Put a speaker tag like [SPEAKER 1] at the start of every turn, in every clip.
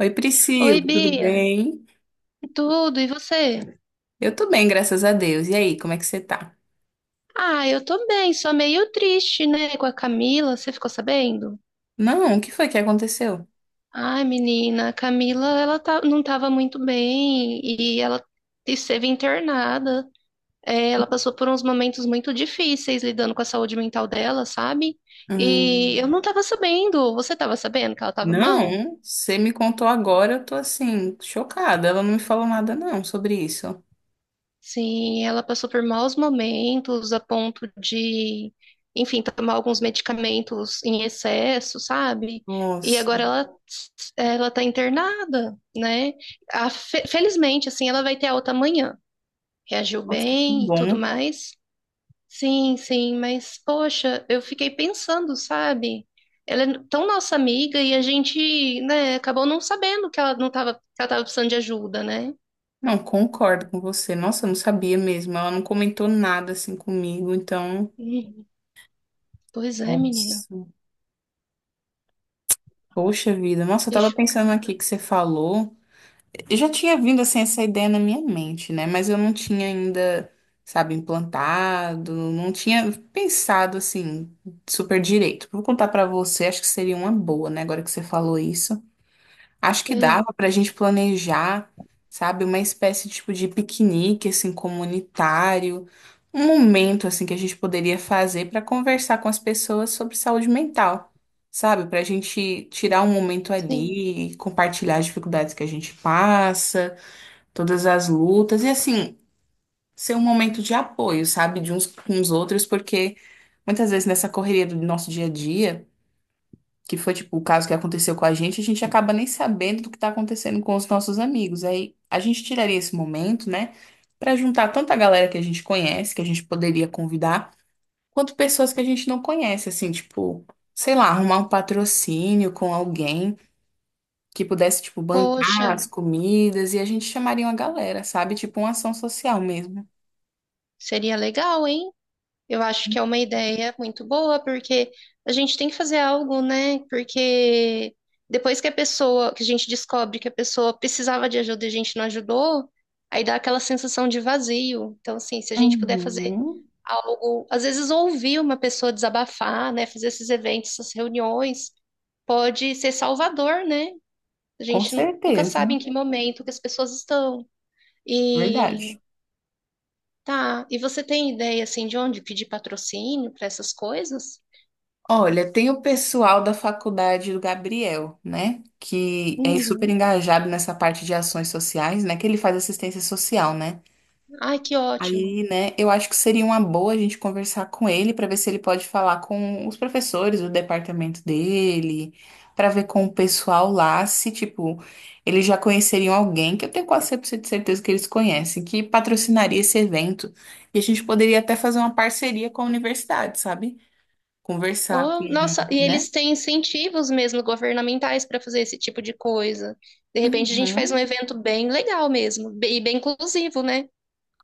[SPEAKER 1] Oi, Priscila,
[SPEAKER 2] Oi,
[SPEAKER 1] tudo
[SPEAKER 2] Bia.
[SPEAKER 1] bem?
[SPEAKER 2] Tudo, e você?
[SPEAKER 1] Eu tô bem, graças a Deus. E aí, como é que você tá?
[SPEAKER 2] Ah, eu tô bem, só meio triste, né, com a Camila, você ficou sabendo?
[SPEAKER 1] Não, o que foi que aconteceu?
[SPEAKER 2] Ai, menina, a Camila, ela tá, não tava muito bem e ela esteve internada. É, ela passou por uns momentos muito difíceis lidando com a saúde mental dela, sabe? E eu
[SPEAKER 1] Hum,
[SPEAKER 2] não tava sabendo, você tava sabendo que ela tava mal?
[SPEAKER 1] não, você me contou agora, eu tô assim, chocada. Ela não me falou nada não sobre isso.
[SPEAKER 2] Sim, ela passou por maus momentos a ponto de, enfim, tomar alguns medicamentos em excesso, sabe? E
[SPEAKER 1] Nossa,
[SPEAKER 2] agora ela, ela tá internada, né? Felizmente, assim, ela vai ter alta amanhã. Reagiu
[SPEAKER 1] nossa, que
[SPEAKER 2] bem e tudo
[SPEAKER 1] bom.
[SPEAKER 2] mais. Sim, sim, mas poxa, eu fiquei pensando, sabe? Ela é tão nossa amiga e a gente, né, acabou não sabendo que ela não tava, que ela tava precisando de ajuda, né?
[SPEAKER 1] Não, concordo com você. Nossa, eu não sabia mesmo. Ela não comentou nada assim comigo, então,
[SPEAKER 2] Hum, pois é, menina.
[SPEAKER 1] nossa. Poxa vida. Nossa, eu
[SPEAKER 2] Fiquei
[SPEAKER 1] tava pensando
[SPEAKER 2] chocada.
[SPEAKER 1] aqui que você falou. Eu já tinha vindo assim essa ideia na minha mente, né? Mas eu não tinha ainda, sabe, implantado, não tinha pensado assim super direito. Vou contar pra você, acho que seria uma boa, né? Agora que você falou isso, acho que
[SPEAKER 2] Ah,
[SPEAKER 1] dava pra gente planejar, sabe, uma espécie tipo de piquenique assim comunitário, um momento assim que a gente poderia fazer pra conversar com as pessoas sobre saúde mental. Sabe, pra gente tirar um momento
[SPEAKER 2] sim.
[SPEAKER 1] ali, compartilhar as dificuldades que a gente passa todas as lutas e assim, ser um momento de apoio, sabe, de uns com os outros, porque muitas vezes nessa correria do nosso dia a dia, que foi tipo o caso que aconteceu com a gente acaba nem sabendo do que tá acontecendo com os nossos amigos. Aí a gente tiraria esse momento, né, pra juntar tanta galera que a gente conhece, que a gente poderia convidar, quanto pessoas que a gente não conhece, assim, tipo, sei lá, arrumar um patrocínio com alguém que pudesse, tipo,
[SPEAKER 2] Poxa,
[SPEAKER 1] bancar as comidas e a gente chamaria uma galera, sabe? Tipo, uma ação social mesmo.
[SPEAKER 2] seria legal, hein? Eu acho que é uma ideia muito boa, porque a gente tem que fazer algo, né? Porque depois que a pessoa, que a gente descobre que a pessoa precisava de ajuda e a gente não ajudou, aí dá aquela sensação de vazio. Então, assim, se a gente puder fazer
[SPEAKER 1] Uhum.
[SPEAKER 2] algo, às vezes ouvir uma pessoa desabafar, né? Fazer esses eventos, essas reuniões, pode ser salvador, né? A
[SPEAKER 1] Com
[SPEAKER 2] gente nunca
[SPEAKER 1] certeza,
[SPEAKER 2] sabe em que momento que as pessoas estão. E
[SPEAKER 1] verdade.
[SPEAKER 2] tá. E você tem ideia assim de onde pedir patrocínio para essas coisas?
[SPEAKER 1] Olha, tem o pessoal da faculdade do Gabriel, né? Que é super
[SPEAKER 2] Uhum.
[SPEAKER 1] engajado nessa parte de ações sociais, né? Que ele faz assistência social, né?
[SPEAKER 2] Ai, que
[SPEAKER 1] Aí,
[SPEAKER 2] ótimo.
[SPEAKER 1] né, eu acho que seria uma boa a gente conversar com ele para ver se ele pode falar com os professores do departamento dele, para ver com o pessoal lá se, tipo, eles já conheceriam alguém, que eu tenho quase 100% de certeza que eles conhecem, que patrocinaria esse evento. E a gente poderia até fazer uma parceria com a universidade, sabe? Conversar com,
[SPEAKER 2] Ou, nossa, e
[SPEAKER 1] né?
[SPEAKER 2] eles têm incentivos mesmo governamentais para fazer esse tipo de coisa. De repente a gente faz
[SPEAKER 1] Uhum,
[SPEAKER 2] um evento bem legal mesmo, e bem inclusivo, né?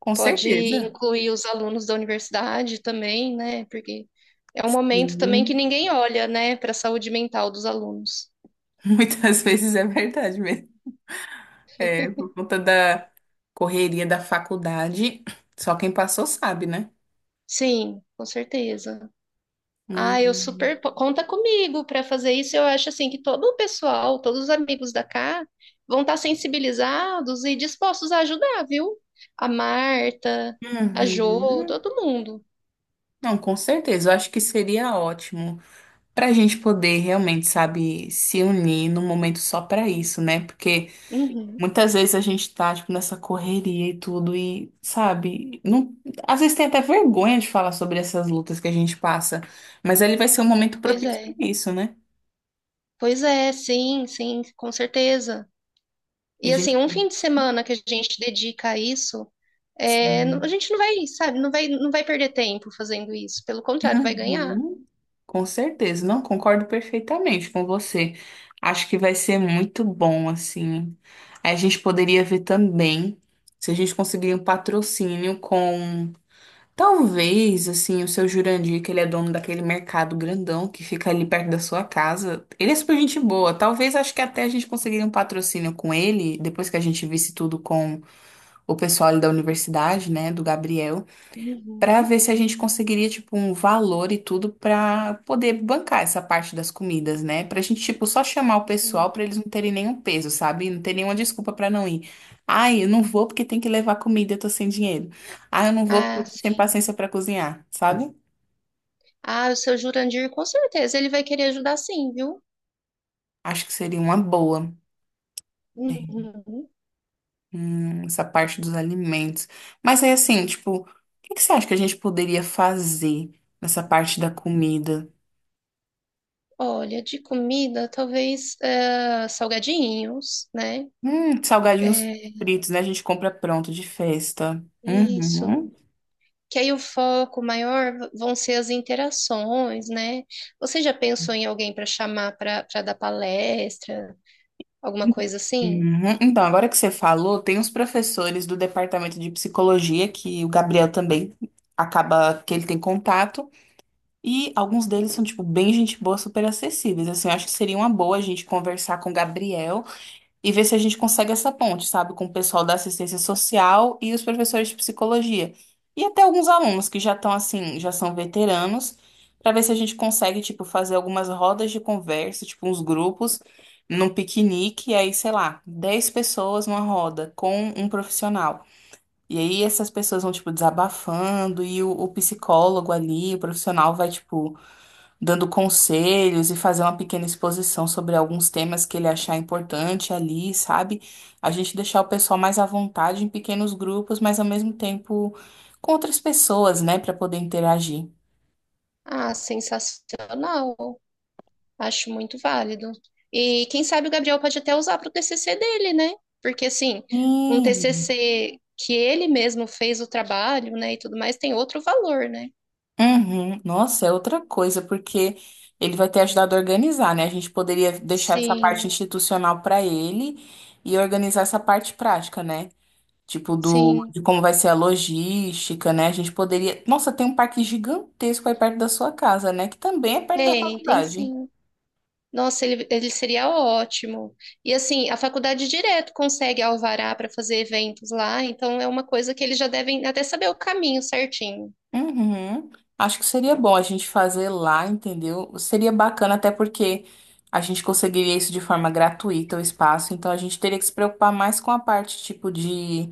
[SPEAKER 1] com
[SPEAKER 2] Pode
[SPEAKER 1] certeza.
[SPEAKER 2] incluir os alunos da universidade também, né? Porque é um momento também que
[SPEAKER 1] Sim,
[SPEAKER 2] ninguém olha, né, para a saúde mental dos alunos.
[SPEAKER 1] muitas vezes é verdade mesmo. É, por conta da correria da faculdade, só quem passou sabe, né?
[SPEAKER 2] Sim, com certeza. Ah, eu
[SPEAKER 1] Hum.
[SPEAKER 2] super conta comigo para fazer isso. Eu acho assim que todo o pessoal, todos os amigos da cá vão estar sensibilizados e dispostos a ajudar, viu? A Marta, a Jo,
[SPEAKER 1] Uhum.
[SPEAKER 2] todo mundo.
[SPEAKER 1] Não, com certeza. Eu acho que seria ótimo para a gente poder realmente, sabe, se unir num momento só para isso, né? Porque
[SPEAKER 2] Uhum.
[SPEAKER 1] muitas vezes a gente tá, tipo, nessa correria e tudo, e, sabe, não... às vezes tem até vergonha de falar sobre essas lutas que a gente passa, mas ele vai ser um momento
[SPEAKER 2] Pois
[SPEAKER 1] propício para
[SPEAKER 2] é.
[SPEAKER 1] isso, né?
[SPEAKER 2] Pois é, sim, sim, com certeza.
[SPEAKER 1] E a
[SPEAKER 2] E
[SPEAKER 1] gente.
[SPEAKER 2] assim, um fim de semana que a gente dedica a isso, é, a
[SPEAKER 1] Sim.
[SPEAKER 2] gente não vai, sabe, não vai perder tempo fazendo isso. Pelo contrário, vai ganhar.
[SPEAKER 1] Uhum. Com certeza, não concordo perfeitamente com você. Acho que vai ser muito bom, assim. A gente poderia ver também se a gente conseguir um patrocínio com, talvez, assim, o seu Jurandir, que ele é dono daquele mercado grandão que fica ali perto da sua casa. Ele é super gente boa. Talvez, acho que até a gente conseguiria um patrocínio com ele, depois que a gente visse tudo com o pessoal ali da universidade, né, do Gabriel para
[SPEAKER 2] Uhum.
[SPEAKER 1] ver se a gente conseguiria, tipo, um valor e tudo para poder bancar essa parte das comidas, né? Pra gente, tipo, só chamar o pessoal
[SPEAKER 2] Sim.
[SPEAKER 1] para eles não terem nenhum peso, sabe? Não ter nenhuma desculpa para não ir. Ai, eu não vou porque tem que levar comida, eu tô sem dinheiro. Ai, eu não vou porque
[SPEAKER 2] Ah,
[SPEAKER 1] eu tô sem
[SPEAKER 2] sim.
[SPEAKER 1] paciência para cozinhar, sabe?
[SPEAKER 2] Ah, o seu Jurandir, com certeza, ele vai querer ajudar sim, viu?
[SPEAKER 1] Acho que seria uma boa, é,
[SPEAKER 2] Uhum.
[SPEAKER 1] essa parte dos alimentos. Mas aí, assim, tipo, o que que você acha que a gente poderia fazer nessa parte da comida?
[SPEAKER 2] Olha, de comida, talvez salgadinhos, né?
[SPEAKER 1] Salgadinhos
[SPEAKER 2] É,
[SPEAKER 1] fritos, né? A gente compra pronto de festa.
[SPEAKER 2] isso.
[SPEAKER 1] Uhum,
[SPEAKER 2] Que aí o foco maior vão ser as interações, né? Você já pensou em alguém para chamar para dar palestra, alguma coisa assim?
[SPEAKER 1] uhum. Então, agora que você falou, tem uns professores do departamento de psicologia que o Gabriel também acaba que ele tem contato. E alguns deles são, tipo, bem gente boa, super acessíveis. Assim, eu acho que seria uma boa a gente conversar com o Gabriel. E ver se a gente consegue essa ponte, sabe, com o pessoal da assistência social e os professores de psicologia. E até alguns alunos que já estão assim, já são veteranos, para ver se a gente consegue, tipo, fazer algumas rodas de conversa, tipo, uns grupos, num piquenique, e aí, sei lá, 10 pessoas numa roda com um profissional. E aí essas pessoas vão, tipo, desabafando, e o psicólogo ali, o profissional vai, tipo, dando conselhos e fazer uma pequena exposição sobre alguns temas que ele achar importante ali, sabe? A gente deixar o pessoal mais à vontade em pequenos grupos, mas ao mesmo tempo com outras pessoas, né, para poder interagir.
[SPEAKER 2] Ah, sensacional. Acho muito válido. E quem sabe o Gabriel pode até usar para o TCC dele, né? Porque, assim, um
[SPEAKER 1] Hum,
[SPEAKER 2] TCC que ele mesmo fez o trabalho, né, e tudo mais, tem outro valor, né?
[SPEAKER 1] uhum. Nossa, é outra coisa, porque ele vai ter ajudado a organizar, né? A gente poderia deixar essa parte
[SPEAKER 2] Sim,
[SPEAKER 1] institucional para ele e organizar essa parte prática, né? Tipo,
[SPEAKER 2] sim.
[SPEAKER 1] de como vai ser a logística, né? A gente poderia. Nossa, tem um parque gigantesco aí perto da sua casa, né? Que também é perto da
[SPEAKER 2] Tem, tem
[SPEAKER 1] faculdade.
[SPEAKER 2] sim. Nossa, ele seria ótimo. E, assim, a faculdade direto consegue alvará para fazer eventos lá, então é uma coisa que eles já devem até saber o caminho certinho.
[SPEAKER 1] Uhum. Acho que seria bom a gente fazer lá, entendeu? Seria bacana, até porque a gente conseguiria isso de forma gratuita, o espaço. Então a gente teria que se preocupar mais com a parte, tipo,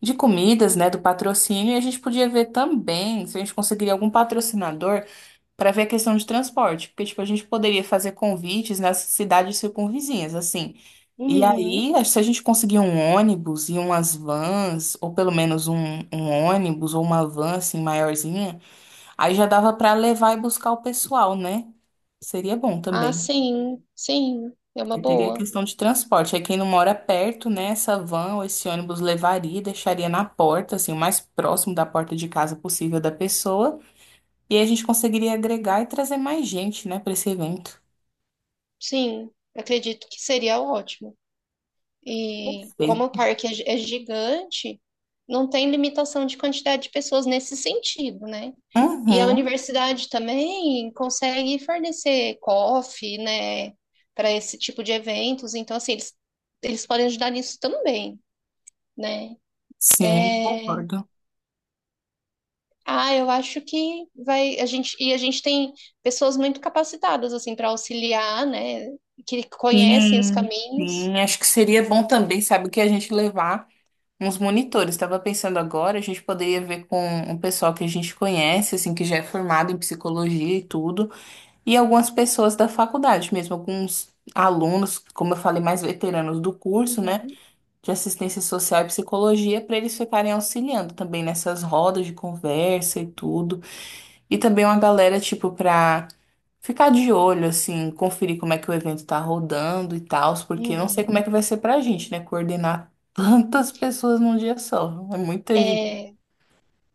[SPEAKER 1] de comidas, né? Do patrocínio. E a gente podia ver também se a gente conseguiria algum patrocinador. Pra ver a questão de transporte, porque tipo a gente poderia fazer convites nas cidades circunvizinhas, assim. E
[SPEAKER 2] Uhum.
[SPEAKER 1] aí, acho que se a gente conseguir um ônibus e umas vans, ou pelo menos um, um ônibus ou uma van assim maiorzinha, aí já dava pra levar e buscar o pessoal, né? Seria bom
[SPEAKER 2] Ah,
[SPEAKER 1] também.
[SPEAKER 2] sim, sim. É uma
[SPEAKER 1] Porque teria a
[SPEAKER 2] boa.
[SPEAKER 1] questão de transporte. Aí quem não mora perto, né, essa van ou esse ônibus levaria, e deixaria na porta, assim, o mais próximo da porta de casa possível da pessoa. E aí a gente conseguiria agregar e trazer mais gente, né, para esse evento.
[SPEAKER 2] Sim, acredito que seria ótimo. E como o
[SPEAKER 1] Perfeito.
[SPEAKER 2] parque é é gigante, não tem limitação de quantidade de pessoas nesse sentido, né? E a
[SPEAKER 1] Uhum,
[SPEAKER 2] universidade também consegue fornecer coffee, né, para esse tipo de eventos. Então, assim, eles podem ajudar nisso também, né?
[SPEAKER 1] sim,
[SPEAKER 2] É,
[SPEAKER 1] concordo.
[SPEAKER 2] ah, eu acho que vai a gente e a gente tem pessoas muito capacitadas assim para auxiliar, né? Que conhecem os
[SPEAKER 1] Sim,
[SPEAKER 2] caminhos.
[SPEAKER 1] sim. Acho que seria bom também, sabe, que a gente levar uns monitores. Estava pensando agora, a gente poderia ver com um pessoal que a gente conhece, assim, que já é formado em psicologia e tudo, e algumas pessoas da faculdade mesmo, alguns alunos, como eu falei, mais veteranos do curso, né,
[SPEAKER 2] Uhum,
[SPEAKER 1] de assistência social e psicologia, para eles ficarem auxiliando também nessas rodas de conversa e tudo. E também uma galera, tipo, para ficar de olho, assim, conferir como é que o evento tá rodando e tal, porque eu não sei como é
[SPEAKER 2] uhum.
[SPEAKER 1] que vai ser pra gente, né? Coordenar tantas pessoas num dia só. É muita gente.
[SPEAKER 2] É,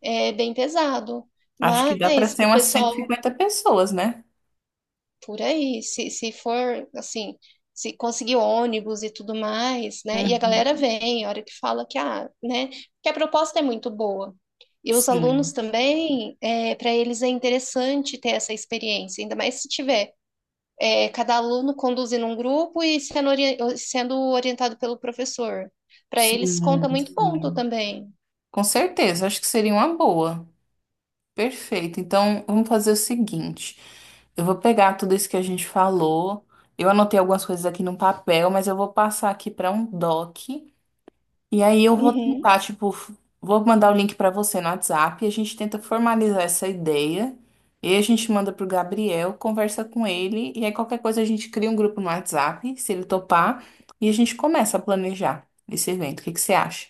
[SPEAKER 2] é bem pesado.
[SPEAKER 1] Acho que dá pra
[SPEAKER 2] Mas
[SPEAKER 1] ser
[SPEAKER 2] o
[SPEAKER 1] umas cento e
[SPEAKER 2] pessoal
[SPEAKER 1] cinquenta pessoas, né?
[SPEAKER 2] por aí, se for assim, se conseguir ônibus e tudo mais, né? E a
[SPEAKER 1] Uhum.
[SPEAKER 2] galera vem, a hora que fala que, ah, né? Que a proposta é muito boa. E os alunos
[SPEAKER 1] Sim,
[SPEAKER 2] também, para eles é interessante ter essa experiência, ainda mais se tiver é, cada aluno conduzindo um grupo e sendo, sendo orientado pelo professor. Para eles conta
[SPEAKER 1] sim,
[SPEAKER 2] muito ponto
[SPEAKER 1] sim.
[SPEAKER 2] também.
[SPEAKER 1] Com certeza, acho que seria uma boa. Perfeito. Então, vamos fazer o seguinte. Eu vou pegar tudo isso que a gente falou. Eu anotei algumas coisas aqui num papel, mas eu vou passar aqui para um doc. E aí eu vou
[SPEAKER 2] Uhum.
[SPEAKER 1] tentar, tipo, vou mandar o link pra você no WhatsApp, a gente tenta formalizar essa ideia, e a gente manda pro Gabriel, conversa com ele, e aí qualquer coisa a gente cria um grupo no WhatsApp, se ele topar, e a gente começa a planejar esse evento. O que que você acha?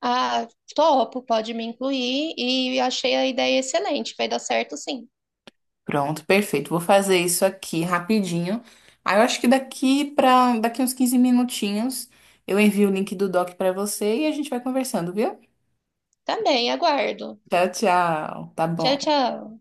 [SPEAKER 2] Ah, topo, pode me incluir e achei a ideia excelente. Vai dar certo, sim.
[SPEAKER 1] Pronto, perfeito. Vou fazer isso aqui rapidinho. Aí eu acho que daqui uns 15 minutinhos eu envio o link do doc pra você e a gente vai conversando, viu?
[SPEAKER 2] Também, aguardo.
[SPEAKER 1] Tchau, tchau. Tá
[SPEAKER 2] Tchau,
[SPEAKER 1] bom.
[SPEAKER 2] tchau.